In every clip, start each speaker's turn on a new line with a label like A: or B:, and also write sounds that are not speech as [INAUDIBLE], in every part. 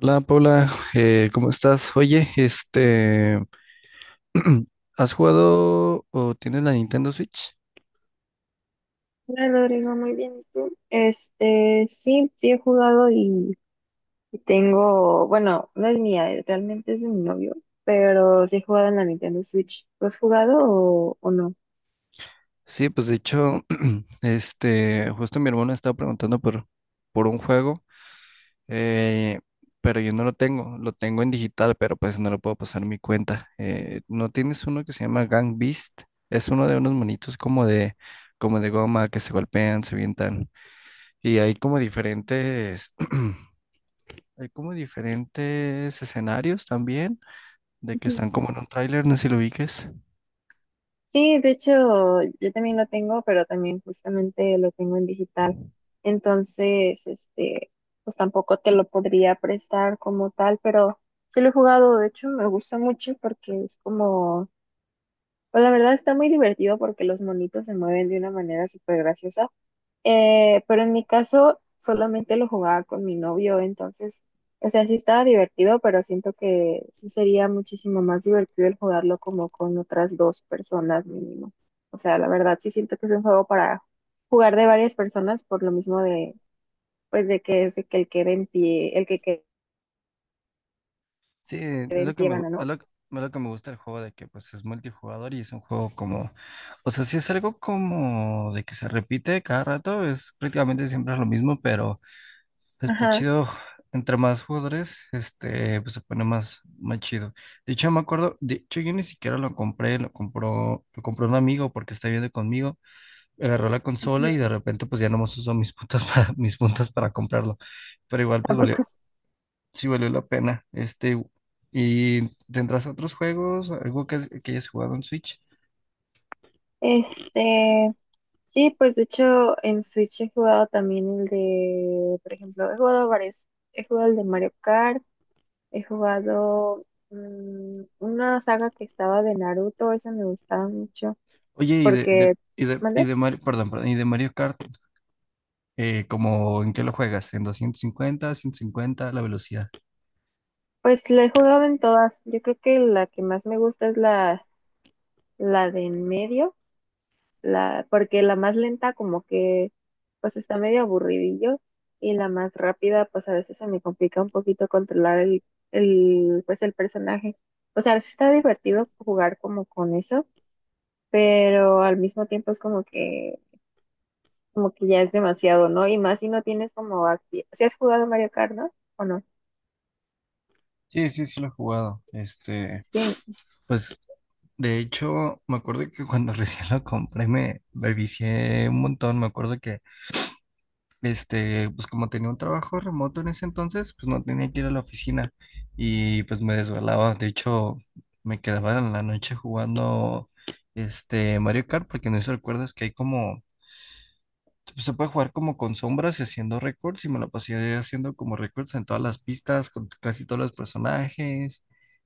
A: Hola Paula, ¿cómo estás? Oye, [CLEARS THROAT] ¿has jugado o tienes la Nintendo Switch?
B: Hola Rodrigo, muy bien. ¿Y tú? Este, sí, sí he jugado y tengo, bueno, no es mía, realmente es de mi novio, pero sí he jugado en la Nintendo Switch. ¿Lo has jugado o no?
A: Sí, pues de hecho, [CLEARS THROAT] justo mi hermano estaba preguntando por un juego, eh, pero yo no lo tengo, lo tengo en digital, pero pues no lo puedo pasar en mi cuenta. ¿No tienes uno que se llama Gang Beast? Es uno de unos monitos como de goma que se golpean, se avientan. Y hay como diferentes [CLEARS THROAT] Hay como diferentes escenarios también, de que
B: Ujú.
A: están como en un tráiler, no sé si lo ubiques.
B: Sí, de hecho, yo también lo tengo, pero también justamente lo tengo en digital. Entonces, este, pues tampoco te lo podría prestar como tal, pero sí lo he jugado. De hecho, me gusta mucho porque es como. Pues la verdad está muy divertido porque los monitos se mueven de una manera súper graciosa. Pero en mi caso solamente lo jugaba con mi novio, entonces, o sea, sí estaba divertido, pero siento que sí sería muchísimo más divertido el jugarlo como con otras dos personas mínimo. O sea, la verdad sí siento que es un juego para jugar de varias personas por lo mismo de, pues de que es de que el que quede en pie, el que quede
A: Sí,
B: en pie gana, ¿no?
A: es lo que me gusta del juego, de que pues es multijugador y es un juego como, o sea, sí es algo como de que se repite cada rato, es prácticamente siempre lo mismo, pero
B: Ajá.
A: chido, entre más jugadores, pues se pone más chido. De hecho, me acuerdo, de hecho yo ni siquiera lo compré, lo compró un amigo porque está viviendo conmigo. Agarró la
B: Ujú.
A: consola y de repente pues ya nomás usó mis puntos [LAUGHS] para, mis puntos para comprarlo. Pero igual pues valió,
B: Tampoco es-
A: sí valió la pena. ¿Y tendrás otros juegos? ¿Algo que hayas jugado en Switch?
B: Este, sí, pues de hecho en Switch he jugado también el de, por ejemplo, he jugado varios, he jugado el de Mario Kart, he jugado una saga que estaba de Naruto, esa me gustaba mucho,
A: Oye,
B: porque,
A: y
B: ¿mande?
A: de Mario, perdón, perdón, y de Mario Kart, ¿como en qué lo juegas? ¿En 250, 150, la velocidad?
B: Pues la he jugado en todas, yo creo que la que más me gusta es la de en medio, porque la más lenta como que pues está medio aburridillo y la más rápida pues a veces se me complica un poquito controlar el personaje. O sea, sí está divertido jugar como con eso, pero al mismo tiempo es como que ya es demasiado, ¿no? Y más si no tienes como si has jugado Mario Kart, ¿no? ¿O no?
A: Sí, sí, sí lo he jugado.
B: Sí,
A: Pues de hecho, me acuerdo que cuando [LAUGHS] recién lo compré me vicié un montón. Me acuerdo que pues como tenía un trabajo remoto en ese entonces, pues no tenía que ir a la oficina y pues me desvelaba. De hecho, me quedaba en la noche jugando Mario Kart, porque no sé si recuerdas que hay como, pues, se puede jugar como con sombras y haciendo récords y me la pasé haciendo como récords en todas las pistas, con casi todos los personajes.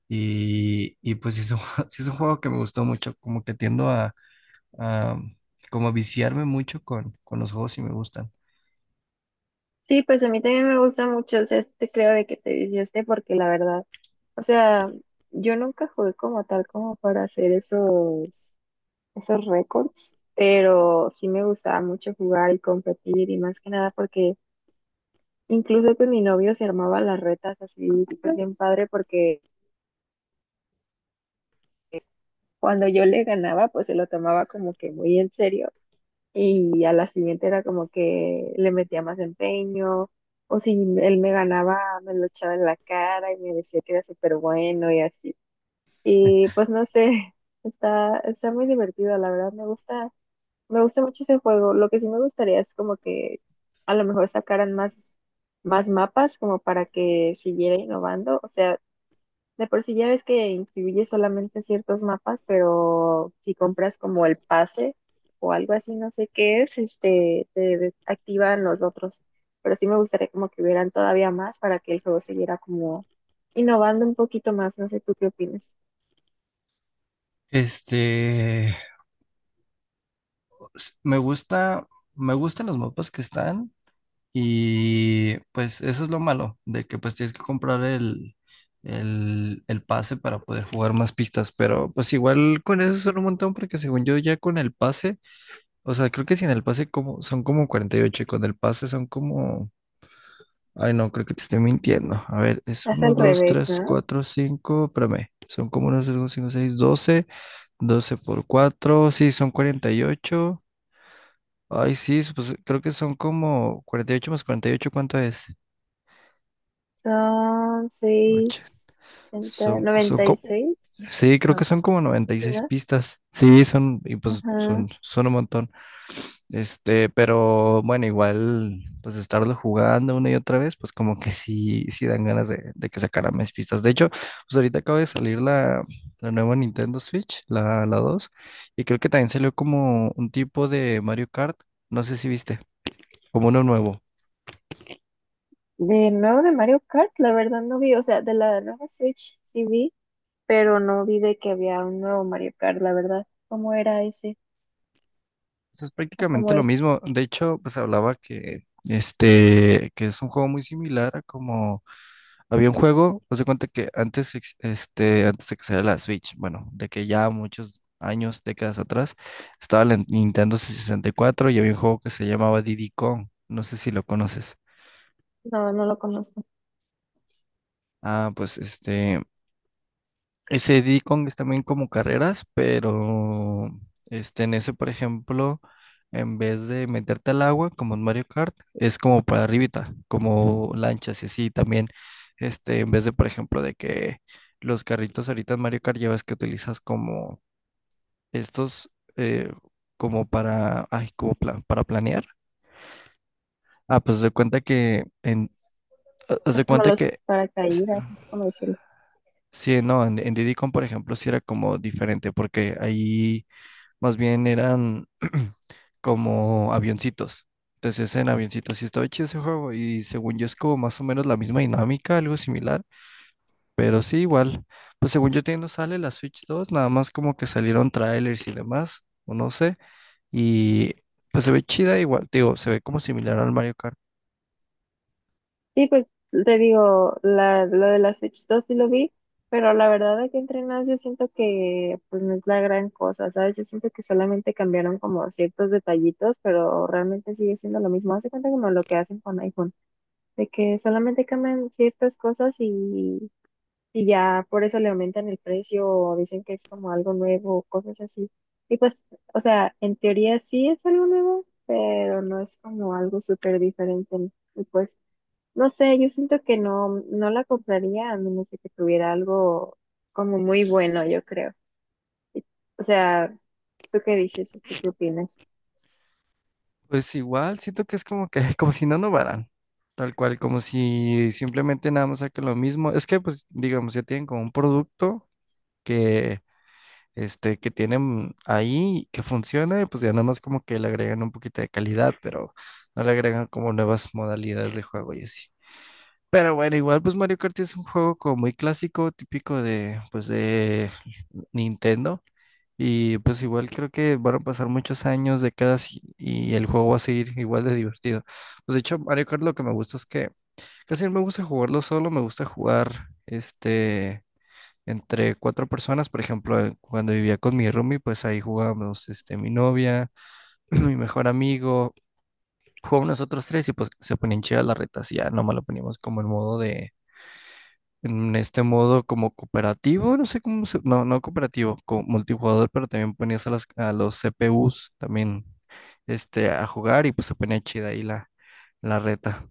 A: Y pues [LAUGHS] sí es un juego que me gustó mucho, como que tiendo a como a viciarme mucho con los juegos y me gustan.
B: sí, pues a mí también me gusta mucho, o sea, este creo de que te disguste porque la verdad, o sea, yo nunca jugué como tal como para hacer esos, récords, pero sí me gustaba mucho jugar y competir y más que nada porque incluso con mi novio se armaba las retas así, pues bien padre porque cuando yo le ganaba, pues se lo tomaba como que muy en serio y a la siguiente era como que le metía más empeño, o si él me ganaba, me lo echaba en la cara y me decía que era súper bueno y así. Y pues no sé, [LAUGHS] está muy divertido, la verdad, me gusta mucho ese juego. Lo que sí me gustaría es como que a lo mejor sacaran más mapas como para que siguiera innovando, o sea, de por sí ya ves que incluye solamente ciertos mapas, pero si compras como el pase o algo así, no sé qué es, este, te activan los otros. Pero sí me gustaría como que hubieran todavía más para que el juego siguiera como innovando un poquito más. No sé tú qué opinas.
A: Este, s- Me gusta, me gustan los mapas que están. Y pues eso es lo malo, de que pues tienes que comprar el pase para poder jugar más pistas, pero pues igual con eso son un montón porque según yo ya con el pase, o sea, creo que sin el pase como, son como 48, y con el pase son como, ay no, creo que te estoy mintiendo. A ver, es
B: Es
A: uno,
B: al
A: dos,
B: revés,
A: tres,
B: ¿no?
A: cuatro, cinco, espérame, son como 1, 2, cinco, seis, doce, 12 por cuatro, sí, son 48. Ay, sí, pues creo que son como 48 más 48, ¿cuánto es?
B: Son
A: Ocho.
B: seis ochenta
A: Son
B: noventa y
A: como,
B: seis.
A: sí, creo que
B: No,
A: son como noventa y
B: sí,
A: seis
B: ¿no?
A: pistas. Sí, son, y pues
B: Ajá.
A: son un montón. Pero bueno, igual, pues estarlo jugando una y otra vez, pues como que sí, sí dan ganas de que sacaran más pistas. De hecho, pues ahorita acaba de salir la nueva Nintendo Switch, la 2, y creo que también salió como un tipo de Mario Kart, no sé si viste, como uno nuevo.
B: De nuevo de Mario Kart, la verdad no vi, o sea, de la nueva Switch sí vi, pero no vi de que había un nuevo Mario Kart, la verdad. ¿Cómo era ese?
A: Eso es
B: ¿O cómo
A: prácticamente lo
B: es?
A: mismo. De hecho, pues hablaba que que es un juego muy similar a como había un juego, pues de cuenta que antes, antes de que saliera la Switch, bueno, de que ya muchos años, décadas atrás, estaba la Nintendo 64 y cuatro y había un juego que se llamaba Diddy Kong. No sé si lo conoces.
B: No, no lo conozco.
A: Ah, pues ese D-Kong es también como carreras, pero en ese, por ejemplo, en vez de meterte al agua, como en Mario Kart, es como para arribita, como lanchas y así también. En vez de, por ejemplo, de que los carritos ahorita en Mario Kart llevas que utilizas como estos, eh, como para, ay, para planear. Ah, pues haz de cuenta que, haz
B: Es
A: de
B: como
A: cuenta
B: los
A: que.
B: paracaídas, es como decirlo.
A: Sí, no, en Diddy Kong, por ejemplo, sí era como diferente, porque ahí más bien eran [CLEARS THROAT] como avioncitos. Entonces, en avioncitos sí estaba chido ese juego y según yo es como más o menos la misma dinámica, algo similar, pero sí igual. Pues según yo todavía no sale la Switch dos, nada más como que salieron trailers y demás, o no sé, y pues se ve chida igual, te digo, se ve como similar al Mario Kart.
B: Sí, pues te digo, lo de la Switch 2 sí lo vi, pero la verdad de que entrenas yo siento que pues no es la gran cosa, ¿sabes? Yo siento que solamente cambiaron como ciertos detallitos, pero realmente sigue siendo lo mismo. Hace cuenta como lo que hacen con iPhone, de que solamente cambian ciertas cosas y ya por eso le aumentan el precio o dicen que es como algo nuevo, cosas así. Y pues, o sea, en teoría sí es algo nuevo, pero no es como algo súper diferente, ¿no? Y pues, no sé, yo siento que no, no la compraría a menos de que tuviera algo como muy bueno, yo creo. Y- O sea, ¿tú qué dices? ¿Tú qué opinas?
A: Pues igual, siento que es como que, [LAUGHS] como si no innovaran, tal cual, como si simplemente nada más saquen lo mismo. Es que pues digamos, ya tienen como un producto que que tienen ahí, que funciona, y pues ya nada más como que le agregan un poquito de calidad, pero no le agregan como nuevas modalidades de juego y así. Pero bueno, igual pues Mario Kart es un juego como muy clásico, típico de, pues de Nintendo. Y pues igual creo que van a pasar muchos años, décadas, y el juego va a seguir igual de divertido. Pues de hecho, Mario Kart lo que me gusta es que casi no me gusta jugarlo solo, me gusta jugar este entre cuatro personas, por ejemplo, cuando vivía con mi roomie, pues ahí jugábamos, mi novia, [CLEARS THROAT] mi mejor amigo, jugábamos nosotros tres y pues se ponían chidas las retas y ya nomás lo poníamos como el modo de, en este modo como cooperativo, no sé cómo se, no, no cooperativo, como multijugador, pero también ponías a los CPUs también, a jugar y pues se ponía chida ahí la reta.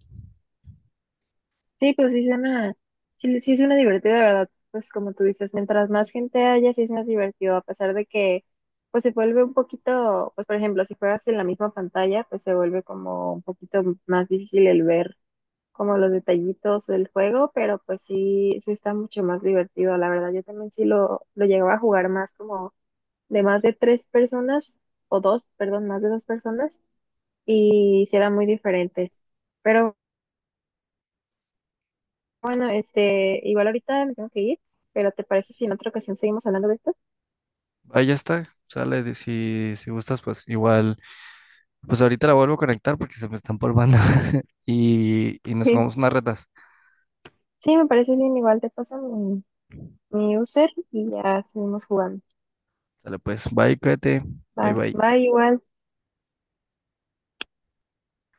B: Sí, pues sí suena, sí, sí suena divertido, de verdad. Pues como tú dices, mientras más gente haya, sí es más divertido, a pesar de que pues se vuelve un poquito, pues por ejemplo, si juegas en la misma pantalla, pues se vuelve como un poquito más difícil el ver como los detallitos del juego, pero pues sí, sí está mucho más divertido, la verdad. Yo también sí lo llegaba a jugar más como de más de tres personas, o dos, perdón, más de dos personas, y sí era muy diferente. Pero bueno, este, igual ahorita me tengo que ir, pero ¿te parece si en otra ocasión seguimos hablando de esto?
A: Ahí ya está, sale, si gustas, pues igual. Pues ahorita la vuelvo a conectar porque se me está empolvando. [LAUGHS] Y nos
B: Sí,
A: jugamos unas retas.
B: sí, me parece bien, igual te paso mi user y ya seguimos jugando.
A: Dale, pues, bye, cuídate.
B: Va,
A: Bye,
B: va
A: bye.
B: igual.